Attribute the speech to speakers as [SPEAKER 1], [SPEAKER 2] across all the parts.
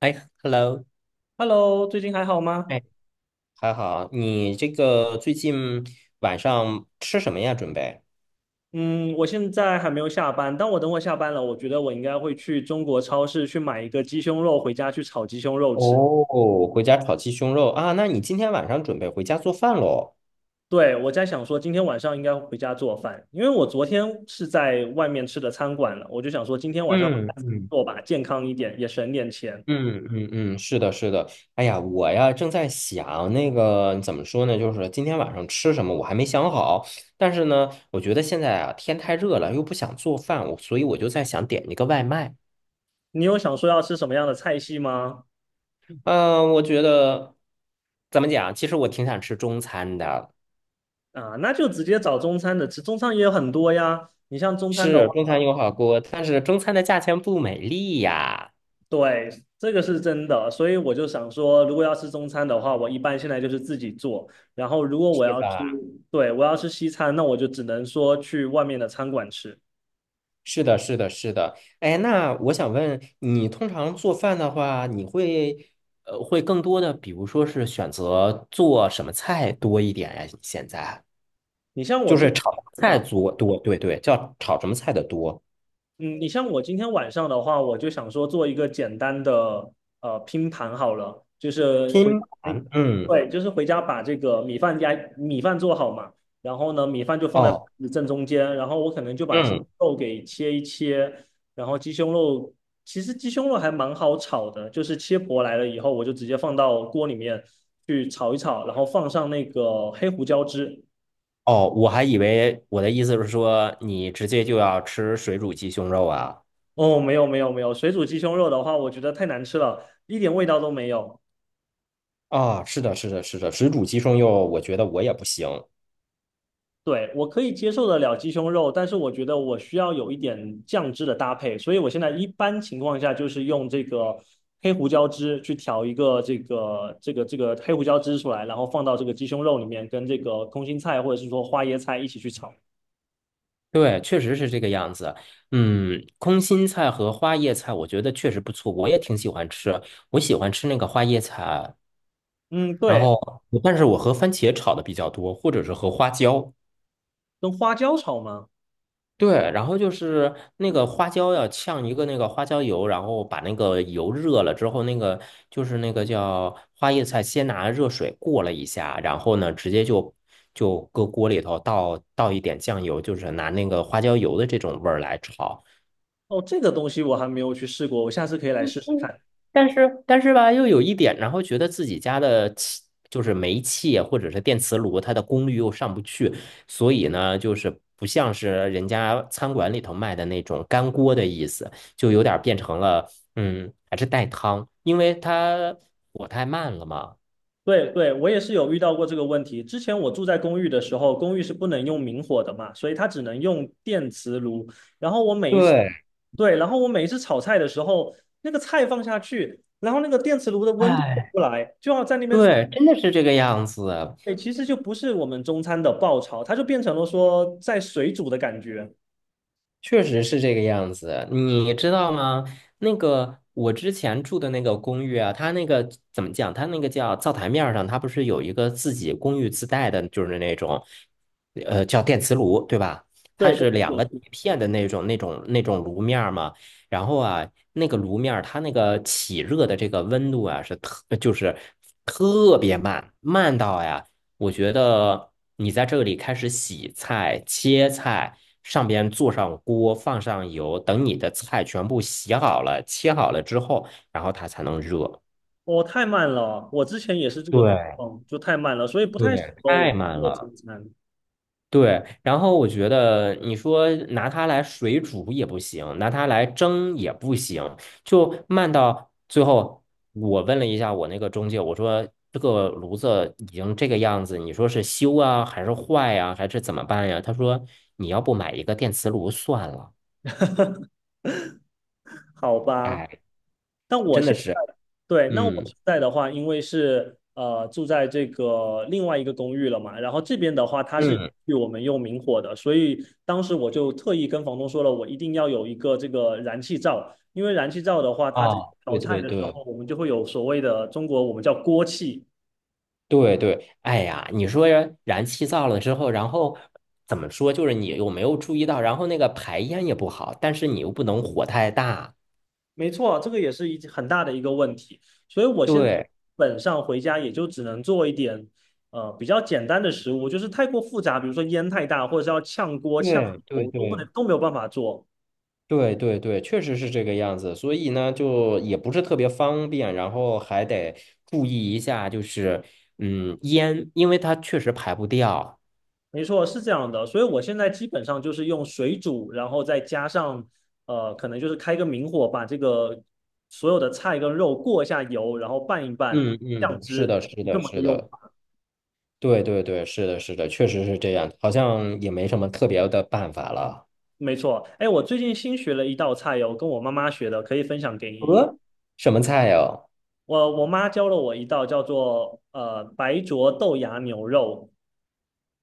[SPEAKER 1] 哎，hello，
[SPEAKER 2] Hello，最近还好吗？
[SPEAKER 1] 哎，还好，你这个最近晚上吃什么呀？准备？
[SPEAKER 2] 嗯，我现在还没有下班，但我等会下班了，我觉得我应该会去中国超市去买一个鸡胸肉回家去炒鸡胸肉吃。
[SPEAKER 1] 哦，回家炒鸡胸肉啊？那你今天晚上准备回家做饭喽？
[SPEAKER 2] 对，我在想说今天晚上应该回家做饭，因为我昨天是在外面吃的餐馆了，我就想说今天晚上回
[SPEAKER 1] 嗯
[SPEAKER 2] 家自己
[SPEAKER 1] 嗯
[SPEAKER 2] 做吧，健康一点，也省点钱。
[SPEAKER 1] 嗯嗯嗯，是的，是的。哎呀，我呀正在想那个怎么说呢，就是今天晚上吃什么，我还没想好。但是呢，我觉得现在啊天太热了，又不想做饭，所以我就在想点一个外卖。
[SPEAKER 2] 你有想说要吃什么样的菜系吗？
[SPEAKER 1] 嗯、我觉得怎么讲？其实我挺想吃中餐的。
[SPEAKER 2] 啊，那就直接找中餐的吃，中餐也有很多呀。你像中餐的
[SPEAKER 1] 是
[SPEAKER 2] 话。
[SPEAKER 1] 中餐有好锅，但是中餐的价钱不美丽呀，
[SPEAKER 2] 对，这个是真的，所以我就想说，如果要吃中餐的话，我一般现在就是自己做。然后，如果我
[SPEAKER 1] 是
[SPEAKER 2] 要吃，
[SPEAKER 1] 吧？
[SPEAKER 2] 对，我要吃西餐，那我就只能说去外面的餐馆吃。
[SPEAKER 1] 是的，是的，是的。哎，那我想问你，通常做饭的话，你会更多的，比如说是选择做什么菜多一点呀？现在
[SPEAKER 2] 你像我
[SPEAKER 1] 就
[SPEAKER 2] 今
[SPEAKER 1] 是
[SPEAKER 2] 天
[SPEAKER 1] 炒
[SPEAKER 2] 晚
[SPEAKER 1] 菜多多，对对，叫炒什么菜的多？
[SPEAKER 2] 嗯，你像我今天晚上的话，我就想说做一个简单的拼盘好了，就是回家
[SPEAKER 1] 拼
[SPEAKER 2] 那
[SPEAKER 1] 盘，嗯，
[SPEAKER 2] 对，就是回家把这个米饭加做好嘛，然后呢米饭就放在
[SPEAKER 1] 哦，
[SPEAKER 2] 正中间，然后我可能就把鸡
[SPEAKER 1] 嗯，
[SPEAKER 2] 肉给切一切，然后鸡胸肉其实鸡胸肉还蛮好炒的，就是切薄来了以后，我就直接放到锅里面去炒一炒，然后放上那个黑胡椒汁。
[SPEAKER 1] 哦，我还以为我的意思是说，你直接就要吃水煮鸡胸肉啊。
[SPEAKER 2] 哦，没有没有没有，水煮鸡胸肉的话，我觉得太难吃了，一点味道都没有。
[SPEAKER 1] 啊，是的，是的，是的，水煮鸡胸肉，我觉得我也不行。
[SPEAKER 2] 对，我可以接受得了鸡胸肉，但是我觉得我需要有一点酱汁的搭配，所以我现在一般情况下就是用这个黑胡椒汁去调一个这个黑胡椒汁出来，然后放到这个鸡胸肉里面，跟这个空心菜或者是说花椰菜一起去炒。
[SPEAKER 1] 对，确实是这个样子。嗯，空心菜和花叶菜，我觉得确实不错，我也挺喜欢吃。我喜欢吃那个花叶菜，
[SPEAKER 2] 嗯，
[SPEAKER 1] 然
[SPEAKER 2] 对，
[SPEAKER 1] 后，但是我和番茄炒的比较多，或者是和花椒。
[SPEAKER 2] 跟花椒炒吗？
[SPEAKER 1] 对，然后就是那个花椒要呛一个那个花椒油，然后把那个油热了之后，那个就是那个叫花椰菜，先拿热水过了一下，然后呢，直接就搁锅里头倒一点酱油，就是拿那个花椒油的这种味儿来炒，
[SPEAKER 2] 哦，这个东西我还没有去试过，我下次可以来试试
[SPEAKER 1] 嗯，
[SPEAKER 2] 看。
[SPEAKER 1] 但是吧，又有一点，然后觉得自己家的气就是煤气啊或者是电磁炉，它的功率又上不去，所以呢，就是不像是人家餐馆里头卖的那种干锅的意思，就有点变成了还是带汤，因为它火太慢了嘛。
[SPEAKER 2] 对对，我也是有遇到过这个问题。之前我住在公寓的时候，公寓是不能用明火的嘛，所以它只能用电磁炉。然后我每一次，
[SPEAKER 1] 对，
[SPEAKER 2] 对，然后我每一次炒菜的时候，那个菜放下去，然后那个电磁炉的温度出
[SPEAKER 1] 哎，
[SPEAKER 2] 不来，就要在那边，
[SPEAKER 1] 对，真的是这个样子。
[SPEAKER 2] 对，其实就不是我们中餐的爆炒，它就变成了说在水煮的感觉。
[SPEAKER 1] 确实是这个样子，你知道吗？那个我之前住的那个公寓啊，它那个怎么讲？它那个叫灶台面儿上，它不是有一个自己公寓自带的，就是那种，叫电磁炉，对吧？它
[SPEAKER 2] 对对
[SPEAKER 1] 是两个铁
[SPEAKER 2] 对，
[SPEAKER 1] 片的那种炉面儿嘛。然后啊，那个炉面儿它那个起热的这个温度啊，是特就是特别慢，慢到呀。我觉得你在这里开始洗菜、切菜，上边做上锅，放上油，等你的菜全部洗好了、切好了之后，然后它才能热。
[SPEAKER 2] 我太慢了，我之前也是这个状
[SPEAKER 1] 对
[SPEAKER 2] 况，就太慢了，所以不太适
[SPEAKER 1] 对，
[SPEAKER 2] 合
[SPEAKER 1] 太
[SPEAKER 2] 我
[SPEAKER 1] 慢
[SPEAKER 2] 做
[SPEAKER 1] 了。
[SPEAKER 2] 中餐。
[SPEAKER 1] 对，然后我觉得你说拿它来水煮也不行，拿它来蒸也不行，就慢到最后。我问了一下我那个中介，我说这个炉子已经这个样子，你说是修啊，还是坏呀、还是怎么办呀？他说你要不买一个电磁炉算了。
[SPEAKER 2] 好吧，
[SPEAKER 1] 哎，
[SPEAKER 2] 那我
[SPEAKER 1] 真的
[SPEAKER 2] 现在，
[SPEAKER 1] 是，
[SPEAKER 2] 对，那我
[SPEAKER 1] 嗯
[SPEAKER 2] 现在的话，因为是住在这个另外一个公寓了嘛，然后这边的话，它是
[SPEAKER 1] 嗯，
[SPEAKER 2] 与我们用明火的，所以当时我就特意跟房东说了，我一定要有一个这个燃气灶，因为燃气灶的话，它这个
[SPEAKER 1] 啊，
[SPEAKER 2] 炒
[SPEAKER 1] 对
[SPEAKER 2] 菜
[SPEAKER 1] 对
[SPEAKER 2] 的时
[SPEAKER 1] 对。
[SPEAKER 2] 候，我们就会有所谓的中国我们叫锅气，
[SPEAKER 1] 对对，哎呀，你说燃气灶了之后，然后怎么说？就是你有没有注意到，然后那个排烟也不好，但是你又不能火太大。
[SPEAKER 2] 没错，这个也是一很大的一个问题，所以我现在基
[SPEAKER 1] 对
[SPEAKER 2] 本上回家也就只能做一点，比较简单的食物，就是太过复杂，比如说烟太大，或者是要炝锅、炝
[SPEAKER 1] 对对
[SPEAKER 2] 油，都不能
[SPEAKER 1] 对
[SPEAKER 2] 都没有办法做。
[SPEAKER 1] 对对对，确实是这个样子。所以呢，就也不是特别方便，然后还得注意一下，就是烟，因为它确实排不掉。
[SPEAKER 2] 没错，是这样的，所以我现在基本上就是用水煮，然后再加上，可能就是开个明火，把这个所有的菜跟肉过一下油，然后拌一拌，
[SPEAKER 1] 嗯
[SPEAKER 2] 酱
[SPEAKER 1] 嗯，是
[SPEAKER 2] 汁，
[SPEAKER 1] 的，是
[SPEAKER 2] 是这
[SPEAKER 1] 的，
[SPEAKER 2] 么个
[SPEAKER 1] 是
[SPEAKER 2] 用
[SPEAKER 1] 的，
[SPEAKER 2] 法。
[SPEAKER 1] 对对对，是的，是的，确实是这样，好像也没什么特别的办法了。
[SPEAKER 2] 没错，哎，我最近新学了一道菜哟，跟我妈妈学的，可以分享给你。
[SPEAKER 1] 呃，什么菜呀？
[SPEAKER 2] 我妈教了我一道叫做白灼豆芽牛肉，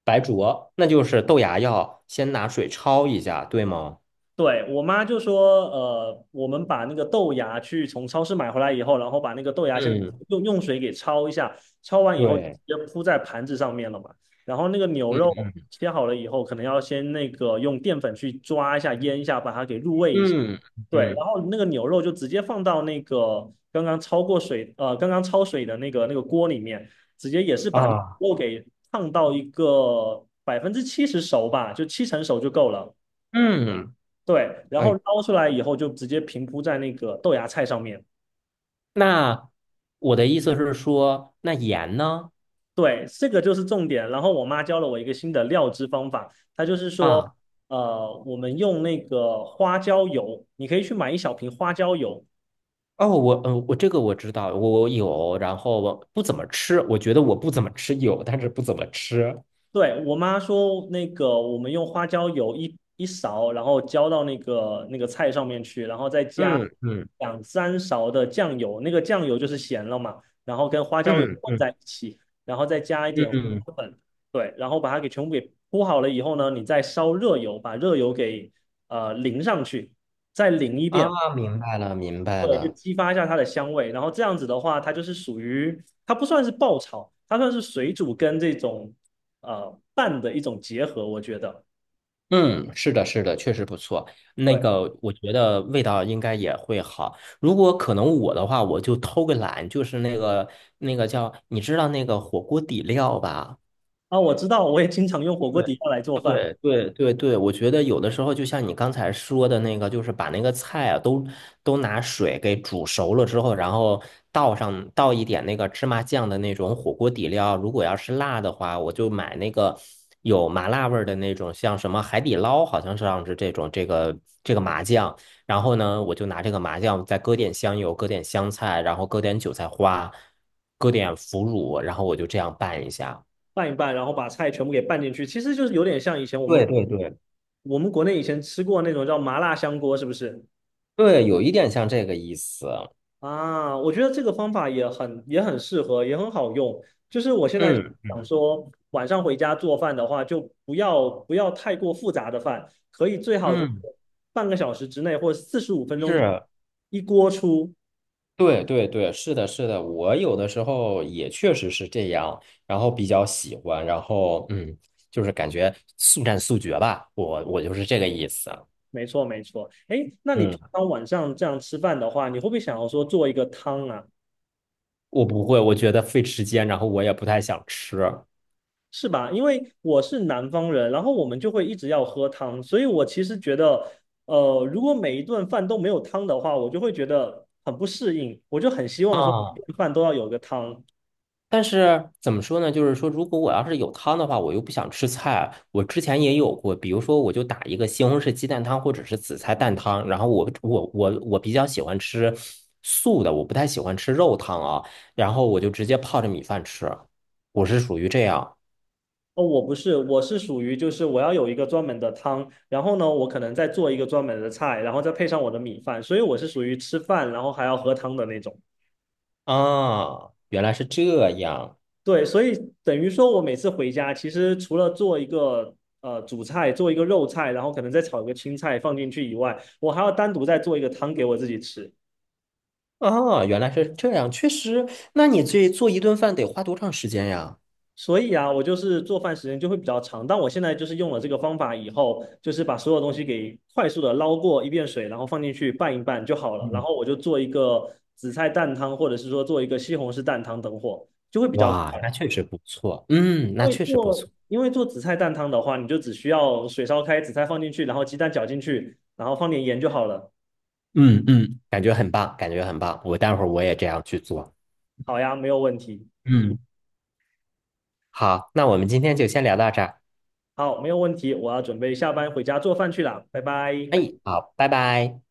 [SPEAKER 1] 白灼，那就是豆芽要先拿水焯一下，对吗？
[SPEAKER 2] 对，我妈就说，我们把那个豆芽去从超市买回来以后，然后把那个豆芽先
[SPEAKER 1] 嗯，
[SPEAKER 2] 用水给焯一下，焯完以后就直
[SPEAKER 1] 对，
[SPEAKER 2] 接铺在盘子上面了嘛。然后那个牛
[SPEAKER 1] 嗯
[SPEAKER 2] 肉切好了以后，可能要先那个用淀粉去抓一下、腌一下，把它给入味一下。
[SPEAKER 1] 嗯
[SPEAKER 2] 对，
[SPEAKER 1] 嗯
[SPEAKER 2] 然后那个牛肉就直接放到那个刚刚焯过水，刚刚焯水的那个锅里面，直接也是把那个
[SPEAKER 1] 啊，
[SPEAKER 2] 肉给烫到一个70%熟吧，就七成熟就够了。
[SPEAKER 1] 嗯，
[SPEAKER 2] 对，然后
[SPEAKER 1] 哎，
[SPEAKER 2] 捞出来以后就直接平铺在那个豆芽菜上面。
[SPEAKER 1] 那我的意思是说，那盐呢？
[SPEAKER 2] 对，这个就是重点。然后我妈教了我一个新的料汁方法，她就是说，
[SPEAKER 1] 啊，
[SPEAKER 2] 我们用那个花椒油，你可以去买一小瓶花椒油，
[SPEAKER 1] 哦，我嗯，呃我这个我知道，我有，然后我不怎么吃，我觉得我不怎么吃有，但是不怎么吃。
[SPEAKER 2] 对，我妈说，那个我们用花椒油一勺，然后浇到那个菜上面去，然后再加
[SPEAKER 1] 嗯嗯
[SPEAKER 2] 两三勺的酱油，那个酱油就是咸了嘛，然后跟花椒油
[SPEAKER 1] 嗯
[SPEAKER 2] 混
[SPEAKER 1] 嗯
[SPEAKER 2] 在一起，然后再加一点花
[SPEAKER 1] 嗯，
[SPEAKER 2] 椒粉，对，然后把它给全部给铺好了以后呢，你再烧热油，把热油给淋上去，再淋一遍，
[SPEAKER 1] 啊，明白了，明白
[SPEAKER 2] 对，就
[SPEAKER 1] 了。
[SPEAKER 2] 激发一下它的香味。然后这样子的话，它就是属于它不算是爆炒，它算是水煮跟这种拌的一种结合，我觉得。
[SPEAKER 1] 嗯，是的，是的，确实不错。那
[SPEAKER 2] 对
[SPEAKER 1] 个，我觉得味道应该也会好。如果可能，我的话，我就偷个懒，就是那个叫，你知道那个火锅底料吧？
[SPEAKER 2] 啊，我知道，我也经常用火锅
[SPEAKER 1] 对
[SPEAKER 2] 底料来做饭，
[SPEAKER 1] 对对对对，我觉得有的时候就像你刚才说的那个，就是把那个菜啊都拿水给煮熟了之后，然后倒一点那个芝麻酱的那种火锅底料。如果要是辣的话，我就买那个有麻辣味儿的那种，像什么海底捞，好像是这种这个麻酱。然后呢，我就拿这个麻酱再搁点香油，搁点香菜，然后搁点韭菜花，搁点腐乳，然后我就这样拌一下。
[SPEAKER 2] 拌一拌，然后把菜全部给拌进去，其实就是有点像以前我
[SPEAKER 1] 对
[SPEAKER 2] 们
[SPEAKER 1] 对对
[SPEAKER 2] 我们国内以前吃过那种叫麻辣香锅，是不是？
[SPEAKER 1] 对，有一点像这个意思。
[SPEAKER 2] 啊，我觉得这个方法也很适合，也很好用。就是我现在
[SPEAKER 1] 嗯
[SPEAKER 2] 想说，晚上回家做饭的话，就不要太过复杂的饭，可以最好就是
[SPEAKER 1] 嗯，
[SPEAKER 2] 半个小时之内或45分钟
[SPEAKER 1] 是，
[SPEAKER 2] 一锅出。
[SPEAKER 1] 对对对，是的，是的，我有的时候也确实是这样，然后比较喜欢，然后就是感觉速战速决吧，我就是这个意思。
[SPEAKER 2] 没错，没错。哎，那你
[SPEAKER 1] 嗯，
[SPEAKER 2] 平常晚上这样吃饭的话，你会不会想要说做一个汤啊？
[SPEAKER 1] 我不会，我觉得费时间，然后我也不太想吃。
[SPEAKER 2] 是吧？因为我是南方人，然后我们就会一直要喝汤，所以我其实觉得，如果每一顿饭都没有汤的话，我就会觉得很不适应，我就很希望说每
[SPEAKER 1] 啊。
[SPEAKER 2] 顿饭都要有个汤。
[SPEAKER 1] 但是怎么说呢？就是说，如果我要是有汤的话，我又不想吃菜。我之前也有过，比如说，我就打一个西红柿鸡蛋汤或者是紫菜蛋汤。然后我比较喜欢吃素的，我不太喜欢吃肉汤啊。然后我就直接泡着米饭吃，我是属于这样
[SPEAKER 2] 哦，我不是，我是属于就是我要有一个专门的汤，然后呢，我可能再做一个专门的菜，然后再配上我的米饭，所以我是属于吃饭然后还要喝汤的那种。
[SPEAKER 1] 啊。原来是这样
[SPEAKER 2] 对，所以等于说我每次回家，其实除了做一个主菜，做一个肉菜，然后可能再炒一个青菜放进去以外，我还要单独再做一个汤给我自己吃。
[SPEAKER 1] 啊，原来是这样，确实。那你这做一顿饭得花多长时间呀？
[SPEAKER 2] 所以啊，我就是做饭时间就会比较长。但我现在就是用了这个方法以后，就是把所有东西给快速的捞过一遍水，然后放进去拌一拌就好了。然
[SPEAKER 1] 嗯，
[SPEAKER 2] 后我就做一个紫菜蛋汤，或者是说做一个西红柿蛋汤等火，就会比较
[SPEAKER 1] 哇，
[SPEAKER 2] 快。
[SPEAKER 1] 那确实不错。嗯，那
[SPEAKER 2] 会
[SPEAKER 1] 确实不
[SPEAKER 2] 做，
[SPEAKER 1] 错。
[SPEAKER 2] 因为做紫菜蛋汤的话，你就只需要水烧开，紫菜放进去，然后鸡蛋搅进去，然后放点盐就好了。
[SPEAKER 1] 嗯嗯感觉很棒，感觉很棒。我待会儿我也这样去做。
[SPEAKER 2] 好呀，没有问题。
[SPEAKER 1] 嗯，好，那我们今天就先聊到这儿。
[SPEAKER 2] 好，没有问题，我要准备下班回家做饭去了，拜拜。
[SPEAKER 1] 哎，好，拜拜。